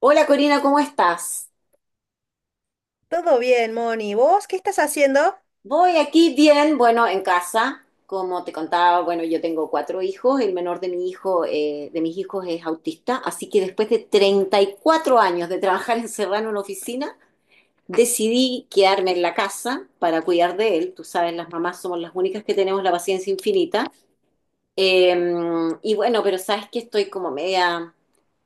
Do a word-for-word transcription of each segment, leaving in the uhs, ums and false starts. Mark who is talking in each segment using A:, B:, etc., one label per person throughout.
A: Hola Corina, ¿cómo estás?
B: Todo bien, Moni. ¿Vos qué estás haciendo?
A: Voy aquí bien, bueno, en casa. Como te contaba, bueno, yo tengo cuatro hijos. El menor de mi hijo, eh, de mis hijos es autista, así que después de treinta y cuatro años de trabajar encerrada en una oficina, decidí quedarme en la casa para cuidar de él. Tú sabes, las mamás somos las únicas que tenemos la paciencia infinita. Eh, y bueno, pero sabes que estoy como media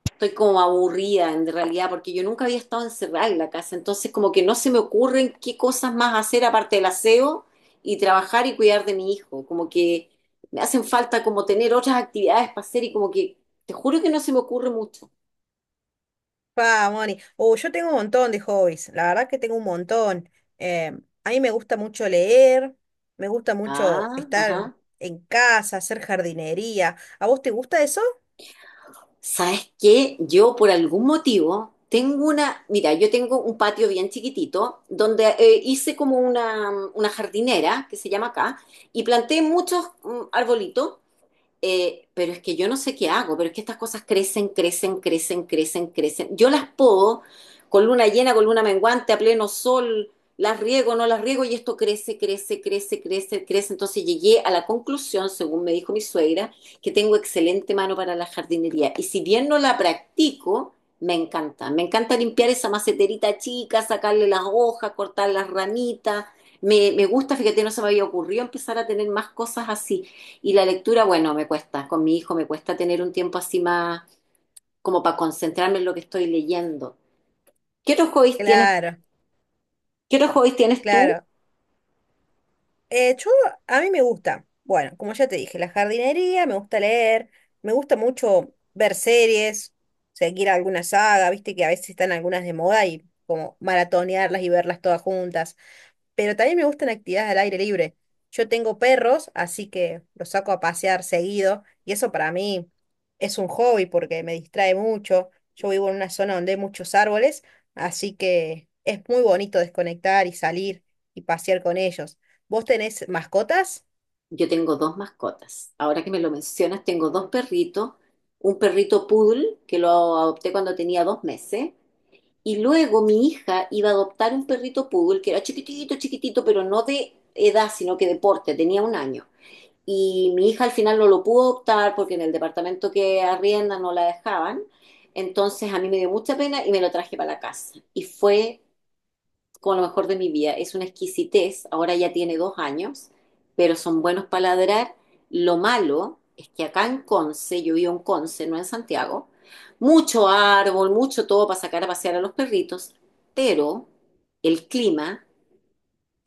A: estoy como aburrida en realidad, porque yo nunca había estado encerrada en la casa, entonces como que no se me ocurren qué cosas más hacer aparte del aseo y trabajar y cuidar de mi hijo, como que me hacen falta como tener otras actividades para hacer, y como que te juro que no se me ocurre mucho.
B: Pa, Moni. Oh, yo tengo un montón de hobbies. La verdad que tengo un montón. Eh, a mí me gusta mucho leer, me gusta mucho
A: Ah,
B: estar
A: ajá.
B: en casa, hacer jardinería. ¿A vos te gusta eso?
A: ¿Sabes qué? Yo por algún motivo tengo una, mira, yo tengo un patio bien chiquitito donde eh, hice como una, una jardinera que se llama acá, y planté muchos mm, arbolitos, eh, pero es que yo no sé qué hago, pero es que estas cosas crecen, crecen, crecen, crecen, crecen. Yo las podo con luna llena, con luna menguante, a pleno sol, las riego, no las riego, y esto crece, crece, crece, crece, crece. Entonces llegué a la conclusión, según me dijo mi suegra, que tengo excelente mano para la jardinería. Y si bien no la practico, me encanta. Me encanta limpiar esa maceterita chica, sacarle las hojas, cortar las ramitas. Me, me gusta, fíjate, no se me había ocurrido empezar a tener más cosas así. Y la lectura, bueno, me cuesta, con mi hijo me cuesta tener un tiempo así más como para concentrarme en lo que estoy leyendo. ¿Qué otros hobbies tienes?
B: Claro,
A: ¿Qué otros hobbies tienes tú?
B: claro. Eh, yo, a mí me gusta. Bueno, como ya te dije, la jardinería, me gusta leer, me gusta mucho ver series, seguir alguna saga, viste que a veces están algunas de moda y como maratonearlas y verlas todas juntas. Pero también me gustan actividades al aire libre. Yo tengo perros, así que los saco a pasear seguido y eso para mí es un hobby porque me distrae mucho. Yo vivo en una zona donde hay muchos árboles, así que es muy bonito desconectar y salir y pasear con ellos. ¿Vos tenés mascotas?
A: Yo tengo dos mascotas. Ahora que me lo mencionas, tengo dos perritos, un perrito poodle que lo adopté cuando tenía dos meses, y luego mi hija iba a adoptar un perrito poodle que era chiquitito, chiquitito, pero no de edad, sino que de porte, tenía un año. Y mi hija al final no lo pudo optar porque en el departamento que arrienda no la dejaban. Entonces a mí me dio mucha pena y me lo traje para la casa. Y fue como lo mejor de mi vida. Es una exquisitez. Ahora ya tiene dos años, pero son buenos para ladrar. Lo malo es que acá en Conce, yo vivo en Conce, no en Santiago, mucho árbol, mucho todo para sacar a pasear a los perritos, pero el clima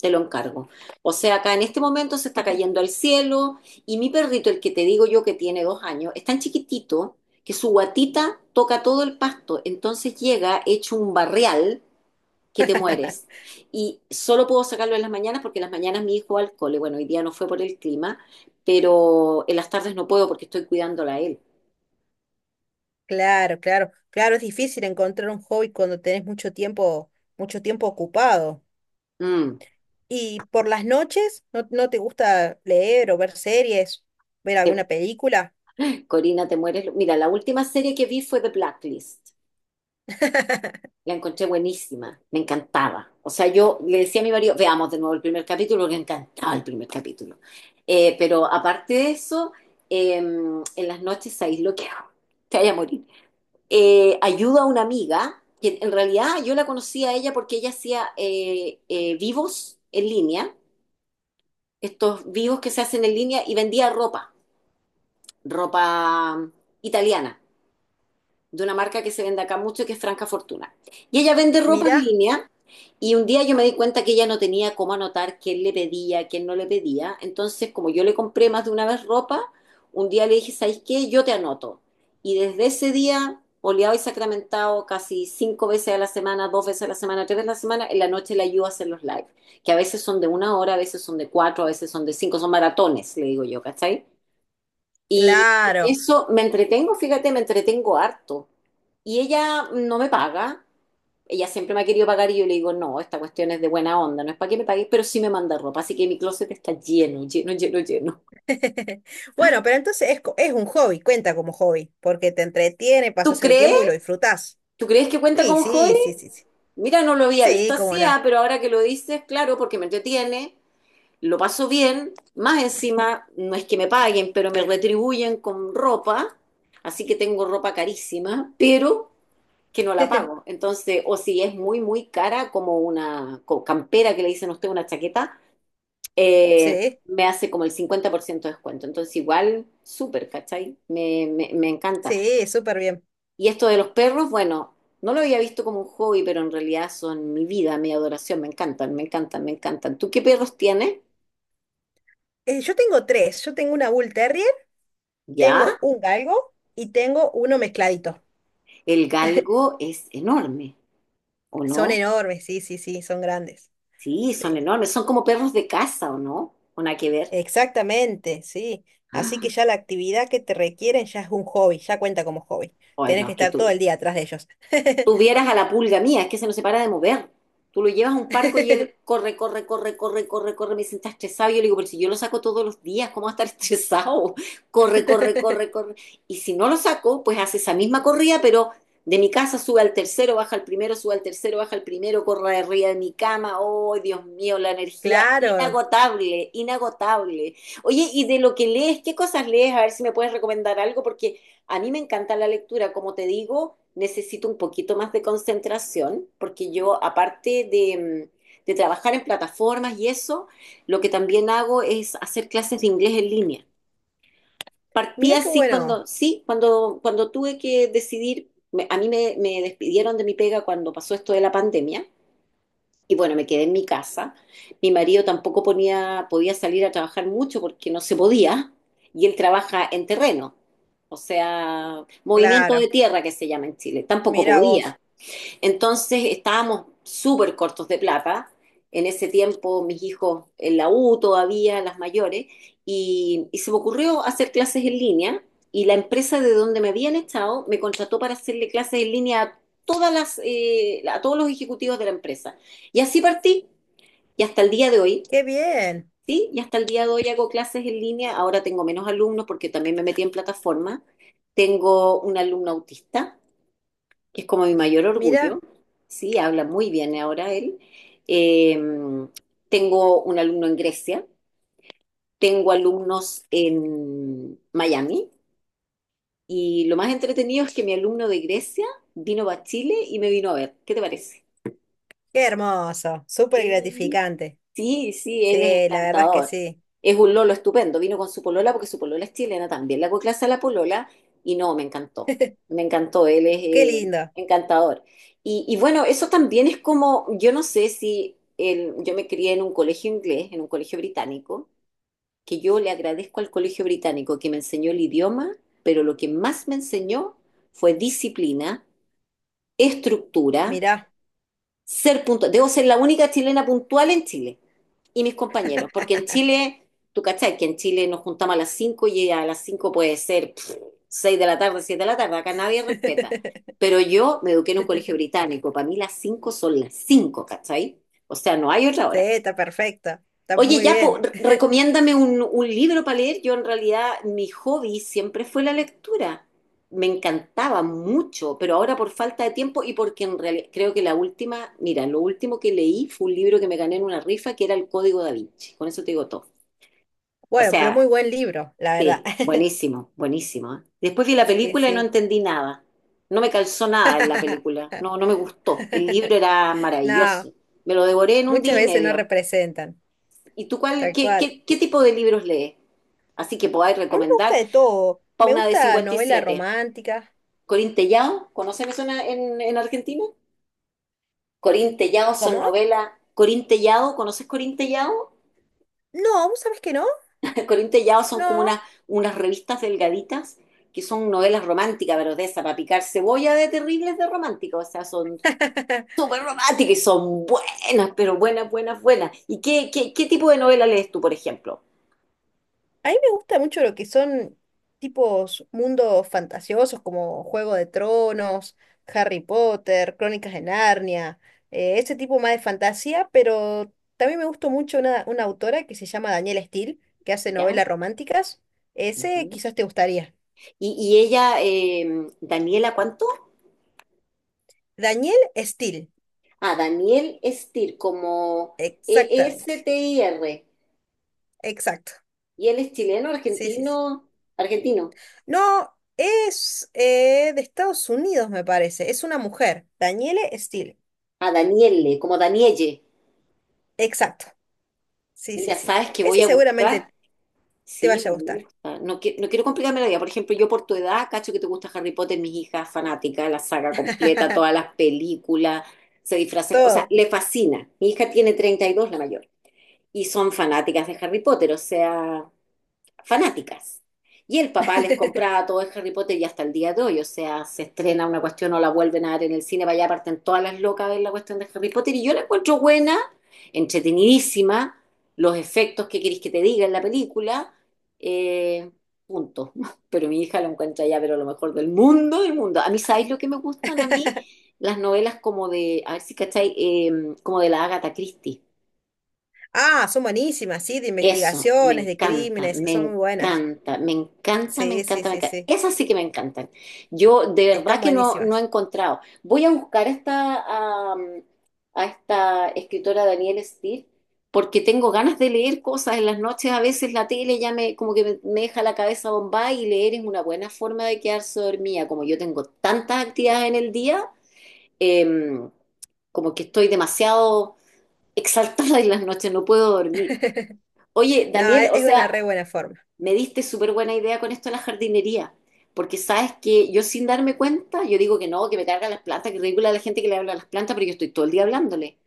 A: te lo encargo. O sea, acá en este momento se está cayendo al cielo, y mi perrito, el que te digo yo que tiene dos años, es tan chiquitito que su guatita toca todo el pasto, entonces llega hecho un barrial que te mueres. Y solo puedo sacarlo en las mañanas porque en las mañanas mi hijo va al cole. Bueno, hoy día no fue por el clima, pero en las tardes no puedo porque estoy cuidándola a él.
B: Claro, claro, claro, es difícil encontrar un hobby cuando tenés mucho tiempo, mucho tiempo ocupado.
A: Mm.
B: ¿Y por las noches no, no te gusta leer o ver series, ver alguna película?
A: Corina, te mueres. Mira, la última serie que vi fue The Blacklist. La encontré buenísima, me encantaba. O sea, yo le decía a mi marido, veamos de nuevo el primer capítulo, que encantaba el primer capítulo. Eh, pero aparte de eso, eh, en las noches, ¿sabéis lo que hago? Te vaya a morir. Eh, ayudo a una amiga, que en realidad yo la conocí a ella porque ella hacía eh, eh, vivos en línea, estos vivos que se hacen en línea y vendía ropa, ropa italiana, de una marca que se vende acá mucho, que es Franca Fortuna. Y ella vende ropa en
B: Mirá,
A: línea. Y un día yo me di cuenta que ella no tenía cómo anotar quién le pedía, quién no le pedía. Entonces, como yo le compré más de una vez ropa, un día le dije, ¿sabes qué? Yo te anoto. Y desde ese día, oleado y sacramentado, casi cinco veces a la semana, dos veces a la semana, tres veces a la semana, en la noche le ayudo a hacer los live, que a veces son de una hora, a veces son de cuatro, a veces son de cinco, son maratones, le digo yo, ¿cachai? Y en
B: claro.
A: eso me entretengo, fíjate, me entretengo harto. Y ella no me paga. Ella siempre me ha querido pagar y yo le digo, no, esta cuestión es de buena onda, no es para que me pagues, pero sí me manda ropa, así que mi closet está lleno, lleno, lleno, lleno.
B: Bueno, pero entonces es, co- es un hobby, cuenta como hobby, porque te entretiene,
A: ¿Tú
B: pasas el
A: crees?
B: tiempo y lo disfrutás.
A: ¿Tú crees que cuenta
B: Sí,
A: con hobby?
B: sí, sí, sí, sí.
A: Mira, no lo había visto
B: Sí, cómo
A: así, ah,
B: no.
A: pero ahora que lo dices, claro, porque me entretiene, lo paso bien, más encima, no es que me paguen, pero me retribuyen con ropa, así que tengo ropa carísima, pero que no la pago. Entonces, o si es muy, muy cara, como una co- campera que le dicen a usted, una chaqueta, eh,
B: Sí,
A: me hace como el cincuenta por ciento de descuento. Entonces, igual, súper, ¿cachai? Me, me, me encanta.
B: sí, súper bien.
A: Y esto de los perros, bueno, no lo había visto como un hobby, pero en realidad son mi vida, mi adoración, me encantan, me encantan, me encantan. ¿Tú qué perros tienes?
B: Eh, yo tengo tres. Yo tengo una Bull Terrier,
A: Ya,
B: tengo un galgo y tengo uno mezcladito.
A: el galgo es enorme, ¿o
B: Son
A: no?
B: enormes, sí, sí, sí, son grandes.
A: Sí, son
B: Sí,
A: enormes, son como perros de casa, ¿o no? Una que ver.
B: exactamente, sí. Así que ya la actividad que te requieren ya es un hobby, ya cuenta como hobby.
A: Ay,
B: Tenés
A: no,
B: que
A: es que
B: estar todo
A: tú,
B: el día atrás de ellos.
A: tuvieras a la pulga mía, es que se nos separa de mover. Tú lo llevas a un parco y él corre, corre, corre, corre, corre, corre, me sienta estresado. Y yo le digo, pero si yo lo saco todos los días, ¿cómo va a estar estresado? Corre, corre, corre, corre. Y si no lo saco, pues hace esa misma corrida, pero de mi casa sube al tercero, baja al primero, sube al tercero, baja al primero, corre arriba de mi cama. Oh, Dios mío, la energía
B: Claro,
A: inagotable, inagotable. Oye, y de lo que lees, ¿qué cosas lees? A ver si me puedes recomendar algo, porque a mí me encanta la lectura, como te digo, necesito un poquito más de concentración, porque yo, aparte de, mm, de trabajar en plataformas y eso, lo que también hago es hacer clases de inglés en línea. Partí
B: mira qué
A: así
B: bueno,
A: cuando, sí, cuando, cuando tuve que decidir, me- a mí me, me despidieron de mi pega cuando pasó esto de la pandemia, y bueno, me quedé en mi casa. Mi marido tampoco ponía, podía salir a trabajar mucho porque no se podía. Y él trabaja en terreno, o sea, movimiento de
B: claro,
A: tierra que se llama en Chile. Tampoco
B: mira vos,
A: podía. Entonces estábamos súper cortos de plata. En ese tiempo mis hijos en la U todavía, las mayores, y, y se me ocurrió hacer clases en línea, y la empresa de donde me habían estado me contrató para hacerle clases en línea a, todas las, eh, a todos los ejecutivos de la empresa. Y así partí, y hasta el día de hoy,
B: qué bien,
A: ¿sí? Y hasta el día de hoy hago clases en línea. Ahora tengo menos alumnos porque también me metí en plataforma. Tengo un alumno autista que es como mi mayor orgullo,
B: mira,
A: sí, habla muy bien ahora él. Eh, Tengo un alumno en Grecia, tengo alumnos en Miami, y lo más entretenido es que mi alumno de Grecia vino a Chile y me vino a ver. ¿Qué te parece?
B: qué hermoso, súper
A: Sí.
B: gratificante.
A: Sí, sí, él es
B: Sí, la verdad es que
A: encantador.
B: sí,
A: Es un lolo estupendo. Vino con su polola porque su polola es chilena también. Le hago clase a la polola y no, me encantó. Me encantó, él es
B: qué
A: eh,
B: lindo,
A: encantador. Y, y bueno, eso también es como, yo no sé si el- yo me crié en un colegio inglés, en un colegio británico, que yo le agradezco al colegio británico que me enseñó el idioma, pero lo que más me enseñó fue disciplina, estructura,
B: mira,
A: ser puntual. Debo ser la única chilena puntual en Chile y mis compañeros, porque en Chile, tú cachai, que en Chile nos juntamos a las cinco, y a las cinco puede ser pff, seis de la tarde, siete de la tarde, acá nadie respeta. Pero yo me eduqué en un colegio británico, para mí las cinco son las cinco, ¿cachai? O sea, no hay otra
B: sí,
A: hora.
B: está perfecto, está
A: Oye,
B: muy
A: ya, po,
B: bien.
A: re- recomiéndame un, un libro para leer. Yo en realidad mi hobby siempre fue la lectura. Me encantaba mucho, pero ahora por falta de tiempo, y porque en realidad creo que la última, mira, lo último que leí fue un libro que me gané en una rifa que era El Código Da Vinci. Con eso te digo todo. O
B: Bueno, pero muy
A: sea,
B: buen libro, la verdad.
A: sí, buenísimo, buenísimo, ¿eh? Después vi la
B: Sí,
A: película y no
B: sí.
A: entendí nada. No me calzó nada en la película. No, no me gustó. El libro era maravilloso.
B: No,
A: Me lo devoré en un
B: muchas
A: día y
B: veces no
A: medio.
B: representan,
A: ¿Y tú cuál,
B: tal
A: qué,
B: cual.
A: qué, qué tipo de libros lees? Así que podáis
B: A mí me gusta
A: recomendar
B: de todo,
A: para
B: me
A: una de
B: gusta novela
A: cincuenta y siete.
B: romántica.
A: Corín Tellado, ¿conocen eso en, en en Argentina? Corín Tellado son
B: ¿Cómo?
A: novelas. Corín Tellado, ¿conoces Corín Tellado?
B: No, ¿vos sabés que no?
A: Corín Tellado son como
B: No.
A: unas, unas, revistas delgaditas que son novelas románticas, pero de esa, para picar cebolla, de terribles de romántica, o sea, son súper románticas y son buenas, pero buenas, buenas, buenas. ¿Y qué, qué, qué tipo de novela lees tú, por ejemplo?
B: A mí me gusta mucho lo que son tipos mundos fantasiosos como Juego de Tronos, Harry Potter, Crónicas de Narnia, eh, ese tipo más de fantasía, pero también me gustó mucho una, una autora que se llama Danielle Steel, que hace
A: ¿Ya?
B: novelas románticas. Ese
A: Ujú.
B: quizás te gustaría.
A: Y, y ella, eh, Daniela, ¿cuánto?
B: Danielle Steel,
A: Ah, Daniel Stier, como
B: exactamente,
A: E-S-T-I-R.
B: exacto.
A: Y él es chileno,
B: Sí, sí, sí.
A: argentino, argentino.
B: No, es eh, de Estados Unidos, me parece. Es una mujer, Danielle Steel,
A: Ah, Daniele, como Danielle.
B: exacto. Sí, sí,
A: Mira,
B: sí.
A: ¿sabes qué
B: Ese
A: voy a
B: seguramente
A: buscar?
B: te
A: Sí, me
B: vaya a gustar.
A: gusta. No, qui- no quiero complicarme la vida. Por ejemplo, yo por tu edad, cacho que te gusta Harry Potter, mis hijas fanática, la saga completa, todas las películas, se disfrazan. O sea,
B: Todo.
A: le fascina. Mi hija tiene treinta y dos, la mayor, y son fanáticas de Harry Potter. O sea, fanáticas. Y el papá les compraba todo de Harry Potter, y hasta el día de hoy, o sea, se estrena una cuestión o la vuelven a dar en el cine, para allá parten todas las locas a ver la cuestión de Harry Potter, y yo la encuentro buena, entretenidísima, los efectos que queréis que te diga en la película, eh, punto. Pero mi hija la encuentra ya, pero lo mejor del mundo, del mundo. A mí, ¿sabéis lo que me gustan a mí? Las novelas como de, a ver si cacháis, eh, como de la Agatha Christie.
B: Ah, son buenísimas, sí, de
A: Eso, me
B: investigaciones, de
A: encanta,
B: crímenes,
A: me
B: son muy buenas.
A: encanta, me encanta, me
B: Sí,
A: encanta,
B: sí,
A: me
B: sí,
A: encanta.
B: sí.
A: Esas sí que me encantan. Yo de verdad
B: Están
A: que no, no he
B: buenísimas.
A: encontrado. Voy a buscar esta, am, a esta escritora Danielle Steele, porque tengo ganas de leer cosas en las noches. A veces la tele ya me, como que me, me deja la cabeza bombada, y leer es una buena forma de quedarse dormida. Como yo tengo tantas actividades en el día, em, como que estoy demasiado exaltada en las noches, no puedo dormir. Oye,
B: No,
A: Daniel,
B: e-
A: o
B: es una
A: sea,
B: re buena forma.
A: me diste súper buena idea con esto de la jardinería, porque sabes que yo sin darme cuenta, yo digo que no, que me cargan las plantas, que ridícula la gente que le habla a las plantas, pero yo estoy todo el día hablándole.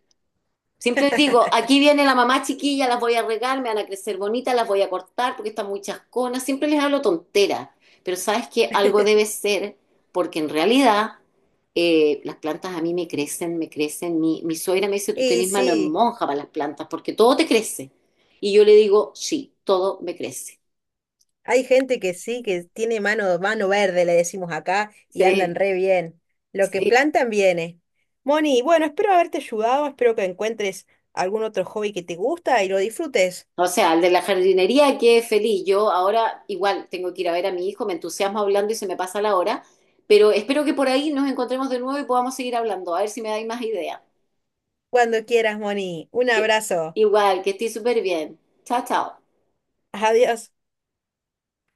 A: Siempre les digo, aquí viene la mamá chiquilla, las voy a regar, me van a crecer bonitas, las voy a cortar porque están muy chasconas, siempre les hablo tontera, pero sabes que algo debe ser, porque en realidad, eh, las plantas a mí me crecen, me crecen, mi, mi suegra me dice, tú
B: Y
A: tenés mano en
B: sí,
A: monja para las plantas, porque todo te crece. Y yo le digo, sí, todo me crece.
B: hay gente que sí, que tiene mano, mano verde, le decimos acá, y
A: Sí.
B: andan re bien. Lo que
A: Sí,
B: plantan viene. Moni, bueno, espero haberte ayudado, espero que encuentres algún otro hobby que te gusta y lo disfrutes.
A: o sea, el de la jardinería quedé feliz. Yo ahora igual tengo que ir a ver a mi hijo, me entusiasmo hablando y se me pasa la hora, pero espero que por ahí nos encontremos de nuevo y podamos seguir hablando, a ver si me dais más ideas.
B: Cuando quieras, Moni. Un
A: Que-
B: abrazo.
A: Igual, que estoy súper bien. Chao, chao.
B: Adiós.